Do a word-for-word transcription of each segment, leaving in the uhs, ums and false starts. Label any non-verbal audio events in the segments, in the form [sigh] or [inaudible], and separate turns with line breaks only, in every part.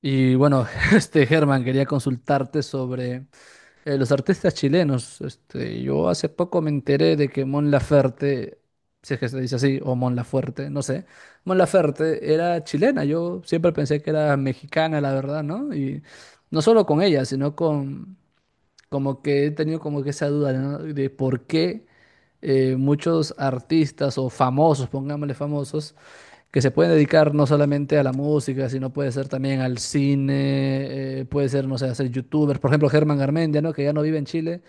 Y bueno, [laughs] este Germán, quería consultarte sobre eh, los artistas chilenos. Este, yo hace poco me enteré de que Mon Laferte, si es que se dice así, o Mon Lafuerte, no sé, Mon Laferte era chilena. Yo siempre pensé que era mexicana, la verdad, ¿no? Y no solo con ella, sino con como que he tenido como que esa duda, ¿no? De por qué eh, muchos artistas o famosos, pongámosle famosos, que se pueden dedicar no solamente a la música, sino puede ser también al cine, eh, puede ser, no sé, hacer youtubers. Por ejemplo, Germán Garmendia, ¿no? Que ya no vive en Chile.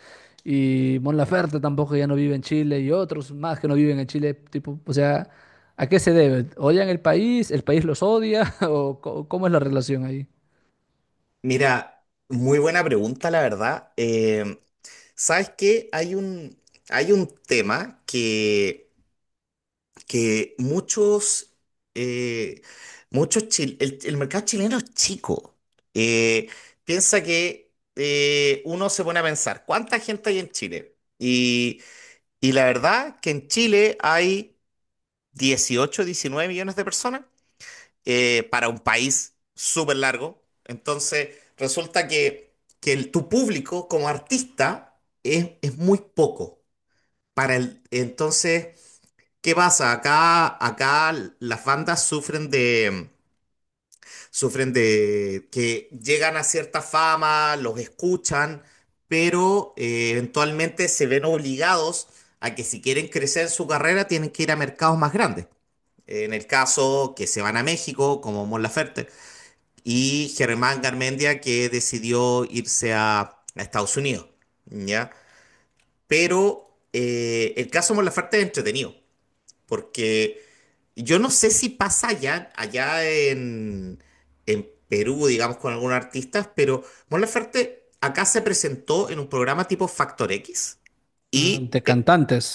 Y Mon Laferte tampoco ya no vive en Chile. Y otros más que no viven en Chile. Tipo, o sea, ¿a qué se debe? ¿Odian el país? ¿El país los odia? [laughs] ¿O co- cómo es la relación ahí?
Mira, muy buena pregunta, la verdad. Eh, ¿sabes qué? Hay un, hay un tema que, que muchos, eh, muchos chil- el, el mercado chileno es chico. Eh, piensa que eh, uno se pone a pensar, ¿cuánta gente hay en Chile? Y, y la verdad que en Chile hay dieciocho diecinueve millones de personas eh, para un país súper largo. Entonces, resulta que, que el- tu público como artista es, es muy poco. Para el, entonces, ¿qué pasa? Acá, acá las bandas sufren de, sufren de que llegan a cierta fama, los escuchan, pero eh, eventualmente se ven obligados a que si quieren crecer en su carrera tienen que ir a mercados más grandes. En el caso que se van a México, como Mon Laferte, y Germán Garmendia que decidió irse a, a Estados Unidos, ¿ya? Pero eh, el caso Molafarte es entretenido, porque yo no sé si pasa allá, allá en, en Perú, digamos, con algunos artistas, pero Mon Laferte acá se presentó en un programa tipo Factor X
Mm,
y,
de
eh,
cantantes.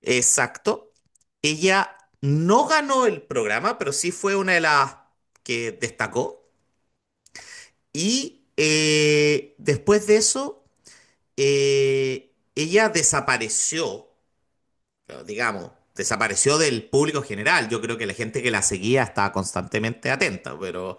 exacto, ella no ganó el programa, pero sí fue una de las que destacó. Y eh, después de eso, eh, ella desapareció, claro, digamos, desapareció del público general. Yo creo que la gente que la seguía estaba constantemente atenta, pero.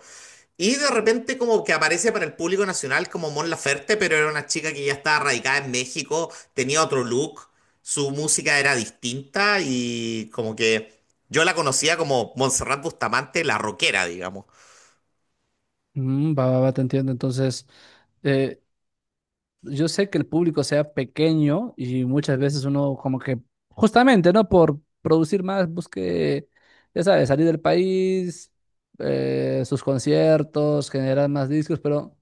Y de repente como que aparece para el público nacional como Mon Laferte, pero era una chica que ya estaba radicada en México, tenía otro look, su música era distinta y como que yo la conocía como Montserrat Bustamante, la rockera, digamos.
Mm, va, va, va, te entiendo. Entonces, yo sé que el público sea pequeño y muchas veces uno como que, justamente, ¿no? Por producir más, busque, ya sabes, salir del país, eh, sus conciertos, generar más discos, pero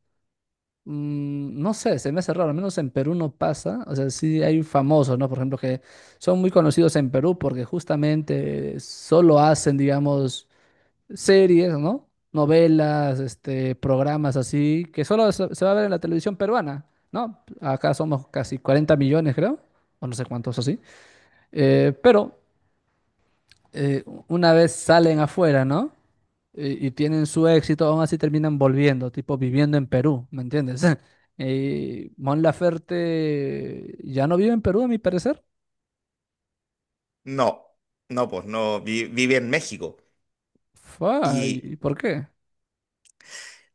mm, no sé, se me hace raro, al menos en Perú no pasa, o sea, sí hay famosos, ¿no? Por ejemplo, que son muy conocidos en Perú porque justamente solo hacen, digamos, series, ¿no? Novelas, este, programas así, que solo se se va a ver en la televisión peruana, ¿no? Acá somos casi cuarenta millones, creo, o no sé cuántos así. Eh, pero eh, una vez salen afuera, ¿no? Y, y tienen su éxito, aún así terminan volviendo, tipo viviendo en Perú, ¿me entiendes? [laughs] Y Mon Laferte ya no vive en Perú, a mi parecer.
No, no, pues no, vi- vive en México.
Fua, ¿y
Y
y por qué?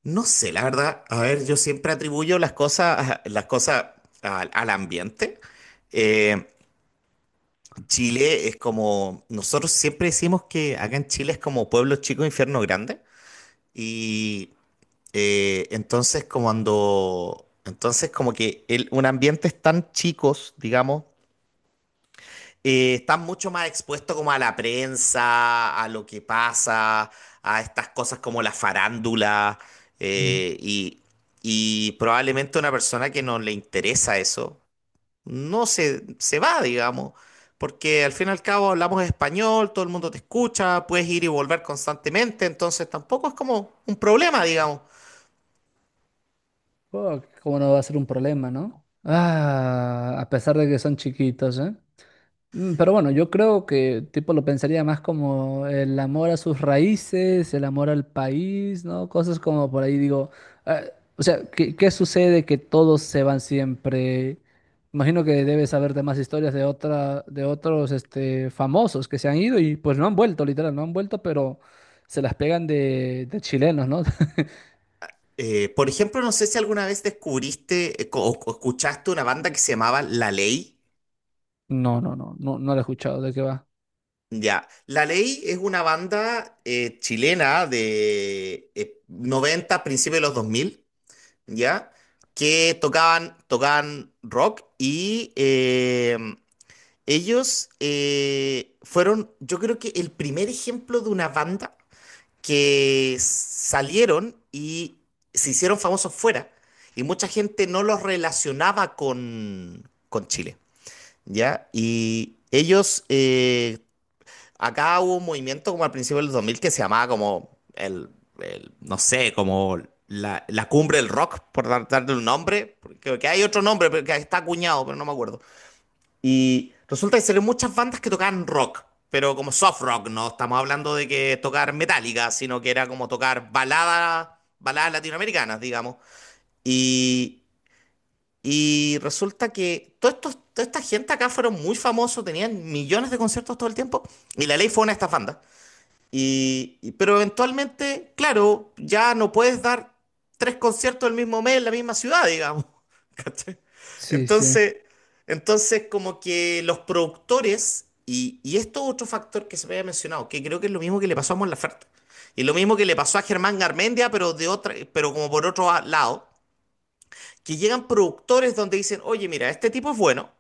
no sé, la verdad, a ver, yo siempre atribuyo las cosas, [laughs] las cosas al, al ambiente. Eh, Chile es como, nosotros siempre decimos que acá en Chile es como pueblo chico, infierno grande. Y eh, entonces como cuando, entonces como que el- un ambiente es tan chicos, digamos, eh, están mucho más expuestos como a la prensa, a lo que pasa, a estas cosas como la farándula,
Mm.
eh, y, y probablemente una persona que no le interesa eso, no se, se va, digamos, porque al fin y al cabo hablamos español, todo el mundo te escucha, puedes ir y volver constantemente, entonces tampoco es como un problema, digamos.
Oh, cómo no va a ser un problema, ¿no? Ah, a pesar de que son chiquitos, ¿eh? Mm, pero bueno, yo creo que tipo lo pensaría más como el amor a sus raíces, el amor al país, ¿no? Cosas como por ahí digo, ah, o sea, ¿qué, qué sucede que todos se van siempre? Imagino que debes saber de más historias de otra, de otros este, famosos que se han ido y pues no han vuelto, literal, no han vuelto, pero se las pegan de, de chilenos, ¿no? [laughs]
Eh, por ejemplo, no sé si alguna vez descubriste eh, co- o o escuchaste una banda que se llamaba La Ley.
No, no, no, no, no lo he escuchado, ¿de qué va?
Ya, La Ley es una banda eh, chilena de eh, noventa, principios de los dos mil, ¿ya? Que tocaban, tocaban rock y eh, ellos eh, fueron, yo creo que el primer ejemplo de una banda que salieron y se hicieron famosos fuera y mucha gente no los relacionaba con, con Chile, ¿ya? Y ellos eh, Acá hubo un movimiento como al principio del dos mil que se llamaba como el, el- no sé, como la, la cumbre del rock, por dar- darle un nombre, porque que hay otro nombre pero que está acuñado, pero no me acuerdo. Y resulta que salieron muchas bandas que tocaban rock, pero como soft rock, no estamos hablando de que tocar metálica, sino que era como tocar baladas, baladas latinoamericanas, digamos. Y, y resulta que todo estos toda esta gente acá fueron muy famosos, tenían millones de conciertos todo el tiempo, y La Ley fue una de estas bandas. Y, y- pero eventualmente, claro, ya no puedes dar tres conciertos el mismo mes en la misma ciudad, digamos. [laughs] ¿Cachai?
Sí, sí.
Entonces, entonces como que los productores, y, y esto es otro factor que se me había mencionado, que creo que es lo mismo que le pasó a Mon Laferte, y lo mismo que le pasó a Germán Garmendia, pero de otra, pero como por otro lado, que llegan productores donde dicen, oye, mira, este tipo es bueno,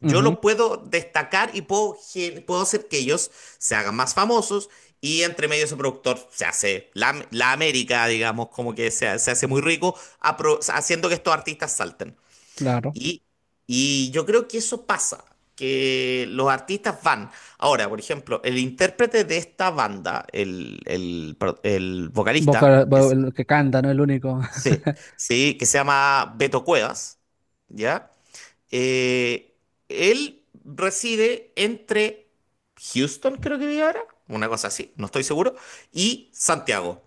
yo
Ujú,
los puedo destacar y puedo, gen- puedo hacer que ellos se hagan más famosos y entre medio ese productor se hace la, la América, digamos, como que se, se hace muy rico apro- haciendo que estos artistas salten.
claro.
Y, y yo creo que eso pasa, que los artistas van. Ahora, por ejemplo, el intérprete de esta banda, el, el pro- el
Boca,
vocalista, que
bo-
es-
el que canta, ¿no? El único. [laughs]
sí, sí, que se llama Beto Cuevas, ¿ya? Eh, él reside entre Houston, creo que vive ahora, una cosa así, no estoy seguro, y Santiago.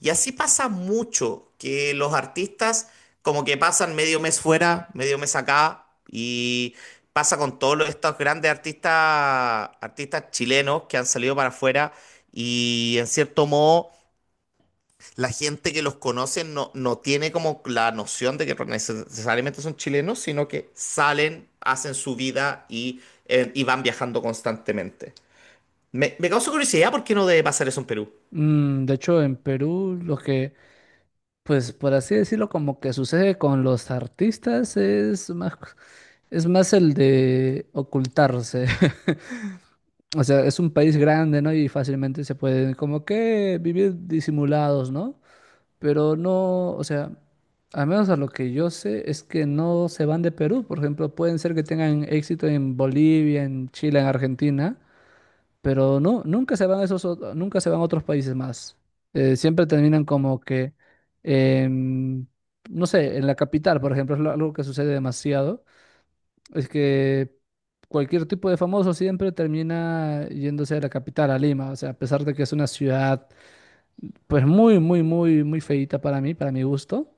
Y así pasa mucho que los artistas como que pasan medio mes fuera, medio mes acá, y pasa con todos los- estos grandes artistas, artistas chilenos que han salido para afuera y en cierto modo la gente que los conoce no, no tiene como la noción de que neces- necesariamente son chilenos, sino que salen, hacen su vida y, eh, y van viajando constantemente. Me, me causa curiosidad por qué no debe pasar eso en Perú.
Mm, de hecho, en Perú lo que, pues por así decirlo, como que sucede con los artistas es más, es más el de ocultarse. [laughs] O sea, es un país grande, ¿no? Y fácilmente se pueden como que vivir disimulados, ¿no? Pero no, o sea, al menos a lo que yo sé es que no se van de Perú. Por ejemplo, pueden ser que tengan éxito en Bolivia, en Chile, en Argentina. Pero no, nunca se van a esos, ot- nunca se van a otros países más. Eh, siempre terminan como que, em, no sé, en la capital, por ejemplo, es lo- algo que sucede demasiado, es que cualquier tipo de famoso siempre termina yéndose a la capital, a Lima, o sea, a pesar de que es una ciudad, pues muy, muy, muy, muy feíta para mí, para mi gusto,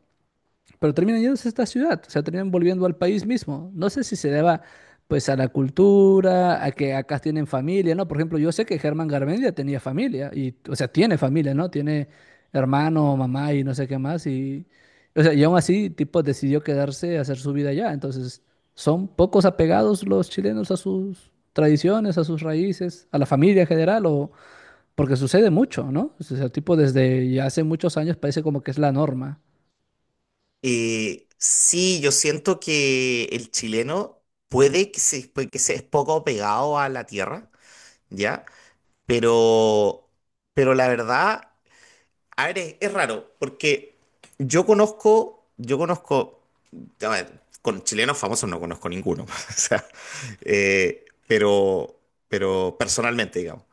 pero terminan yéndose a esta ciudad, o sea, terminan volviendo al país mismo. No sé si se deba, pues, a la cultura, a que acá tienen familia, ¿no? Por ejemplo, yo sé que Germán Garmendia tenía familia, y, o sea, tiene familia, ¿no? Tiene hermano, mamá y no sé qué más, y, o sea, y aún así, tipo, decidió quedarse a hacer su vida allá. Entonces, son pocos apegados los chilenos a sus tradiciones, a sus raíces, a la familia en general, o porque sucede mucho, ¿no? O sea, tipo, desde ya hace muchos años parece como que es la norma.
Eh, sí, yo siento que el chileno puede que se, puede que se es poco pegado a la tierra, ¿ya? Pero, pero la verdad, a ver, es, es raro, porque yo conozco, yo conozco a ver, con chilenos famosos no conozco ninguno, [laughs] o sea, eh, pero, pero personalmente, digamos.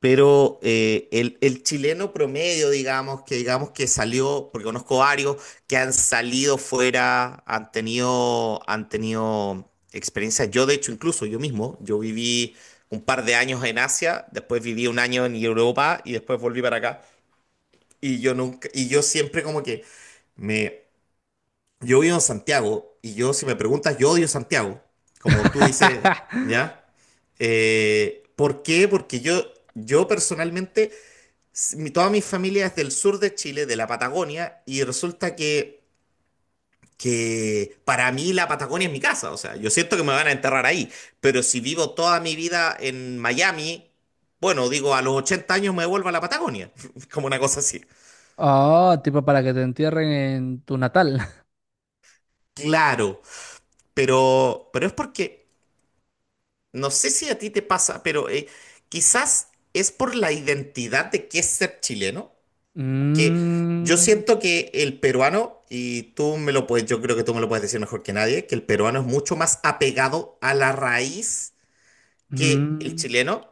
Pero eh, el, el chileno promedio, digamos, que digamos que salió, porque conozco varios que han salido fuera, han tenido, han tenido experiencias. Yo, de hecho, incluso yo mismo, yo viví un par de años en Asia, después viví un año en Europa y después volví para acá. Y yo nunca, y yo siempre como que me, yo vivo en Santiago y yo, si me preguntas, yo odio Santiago, como tú dices,
[laughs]
¿ya? Eh, ¿por qué? Porque yo, yo, personalmente, s- mi- toda mi familia es del sur de Chile, de la Patagonia, y resulta que, que para mí la Patagonia es mi casa, o sea, yo siento que me van a enterrar ahí, pero si vivo toda mi vida en Miami, bueno, digo, a los ochenta años me vuelvo a la Patagonia, [laughs] como una cosa así.
Ah, tipo para que te entierren en tu natal. [laughs]
Claro, pero, pero es porque. No sé si a ti te pasa, pero eh, quizás es por la identidad de qué es ser chileno, que yo
Mm,
siento que el peruano, y tú me lo puedes, yo creo que tú me lo puedes decir mejor que nadie, que el peruano es mucho más apegado a la raíz que el
mm.
chileno.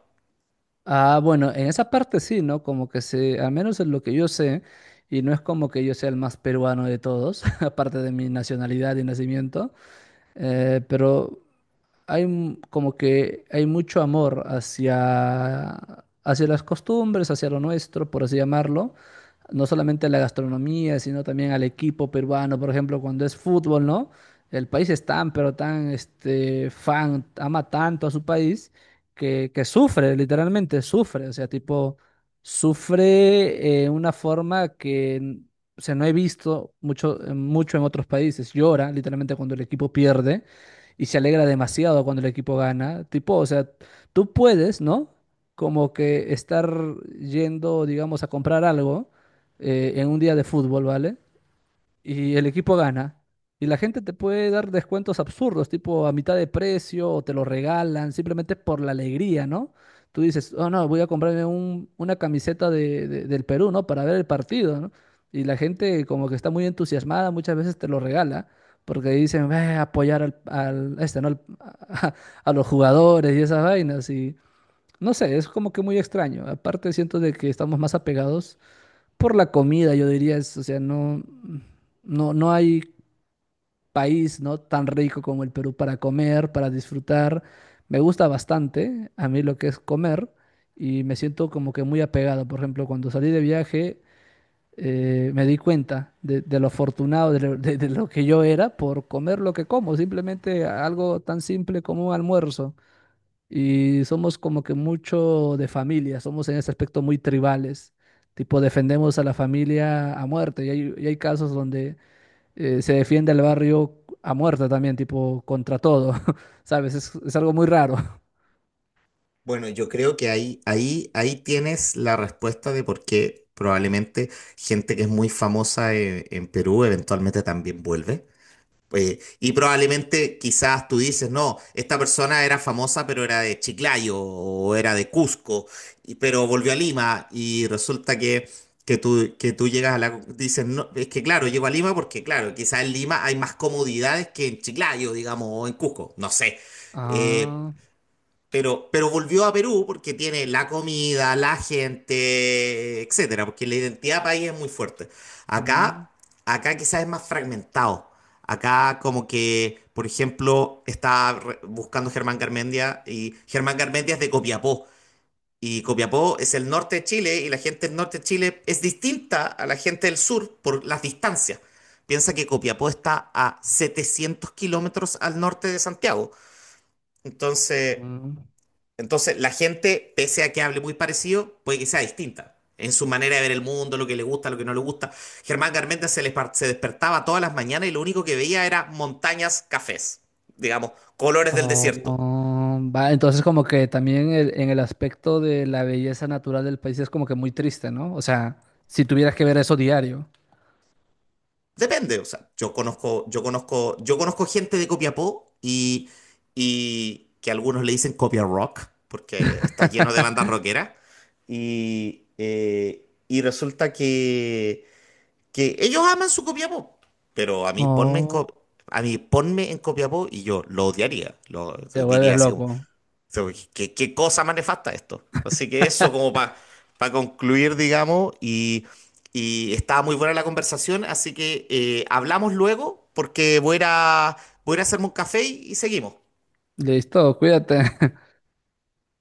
Ah, bueno, en esa parte sí, ¿no? Como que se, al menos en lo que yo sé, y no es como que yo sea el más peruano de todos, [laughs] aparte de mi nacionalidad y nacimiento, eh, pero hay m- como que hay mucho amor hacia, hacia las costumbres, hacia lo nuestro, por así llamarlo. No solamente a la gastronomía, sino también al equipo peruano, por ejemplo, cuando es fútbol, ¿no? El país es tan, pero tan, este, fan, ama tanto a su país que, que sufre, literalmente sufre, o sea, tipo, sufre eh, una forma que, n- o sea, no he visto mucho, mucho en otros países. Llora, literalmente, cuando el equipo pierde y se alegra demasiado cuando el equipo gana. Tipo, o sea, tú puedes, ¿no? Como que estar yendo, digamos, a comprar algo eh, en un día de fútbol, ¿vale? Y el equipo gana. Y la gente te puede dar descuentos absurdos, tipo a mitad de precio, o te lo regalan, simplemente por la alegría, ¿no? Tú dices, oh no, voy a comprarme un- una camiseta de- de- del Perú, ¿no? Para ver el partido, ¿no? Y la gente como que está muy entusiasmada, muchas veces te lo regala, porque dicen, ve a apoyar al, al- a este, ¿no? al- [laughs] a, a los jugadores y esas vainas. Y no sé, es como que muy extraño. Aparte siento de que estamos más apegados por la comida, yo diría, es, o sea, no, no, no hay país, ¿no? Tan rico como el Perú para comer, para disfrutar. Me gusta bastante a mí lo que es comer y me siento como que muy apegado. Por ejemplo, cuando salí de viaje, eh, me di cuenta de, de lo afortunado de lo, de de lo que yo era por comer lo que como, simplemente algo tan simple como un almuerzo. Y somos como que mucho de familia, somos en ese aspecto muy tribales, tipo defendemos a la familia a muerte y hay, y hay casos donde eh, se defiende al barrio a muerte también, tipo contra todo, [laughs] ¿sabes? Es, es algo muy raro.
Bueno, yo creo que ahí, ahí, ahí tienes la respuesta de por qué probablemente gente que es muy famosa eh, en Perú eventualmente también vuelve. Eh, y probablemente quizás tú dices, no, esta persona era famosa, pero era de Chiclayo o era de Cusco, y- pero volvió a Lima y resulta que, que tú, que tú llegas a la. Dices, no, es que claro, llego a Lima porque claro, quizás en Lima hay más comodidades que en Chiclayo, digamos, o en Cusco, no sé. Eh,
Ah,
pero, pero volvió a Perú porque tiene la comida, la gente, etcétera, porque la identidad país es muy fuerte.
mm,
Acá, Acá quizás es más fragmentado. Acá como que, por ejemplo, está re- buscando Germán Garmendia y Germán Garmendia es de Copiapó. Y Copiapó es el norte de Chile y la gente del norte de Chile es distinta a la gente del sur por las distancias. Piensa que Copiapó está a setecientos kilómetros al norte de Santiago. Entonces.
mm.
Entonces, la gente, pese a que hable muy parecido, puede que sea distinta en su manera de ver el mundo, lo que le gusta, lo que no le gusta. Germán Garmendia se, les par- se despertaba todas las mañanas y lo único que veía era montañas cafés, digamos, colores del
Oh,
desierto.
oh, va, entonces como que también el- en el aspecto de la belleza natural del país es como que muy triste, ¿no? O sea, si tuvieras que ver eso diario,
Depende, o sea, yo conozco, yo conozco, yo conozco gente de Copiapó y, y que algunos le dicen Copia Rock, porque está lleno de bandas rockeras. Y, eh, y resulta que que ellos aman su Copiapó, pero a mí ponme en Co-
oh,
a mí ponme en Copiapó y yo lo odiaría, lo
te vuelves
diría así como,
loco.
"So, ¿qué, ¿qué cosa más nefasta esto? Así que eso como para concluir, digamos, y, y estaba muy buena la conversación, así que eh, hablamos luego porque voy a, ir a- voy a ir a hacerme un café y y seguimos.
Listo, cuídate. [laughs]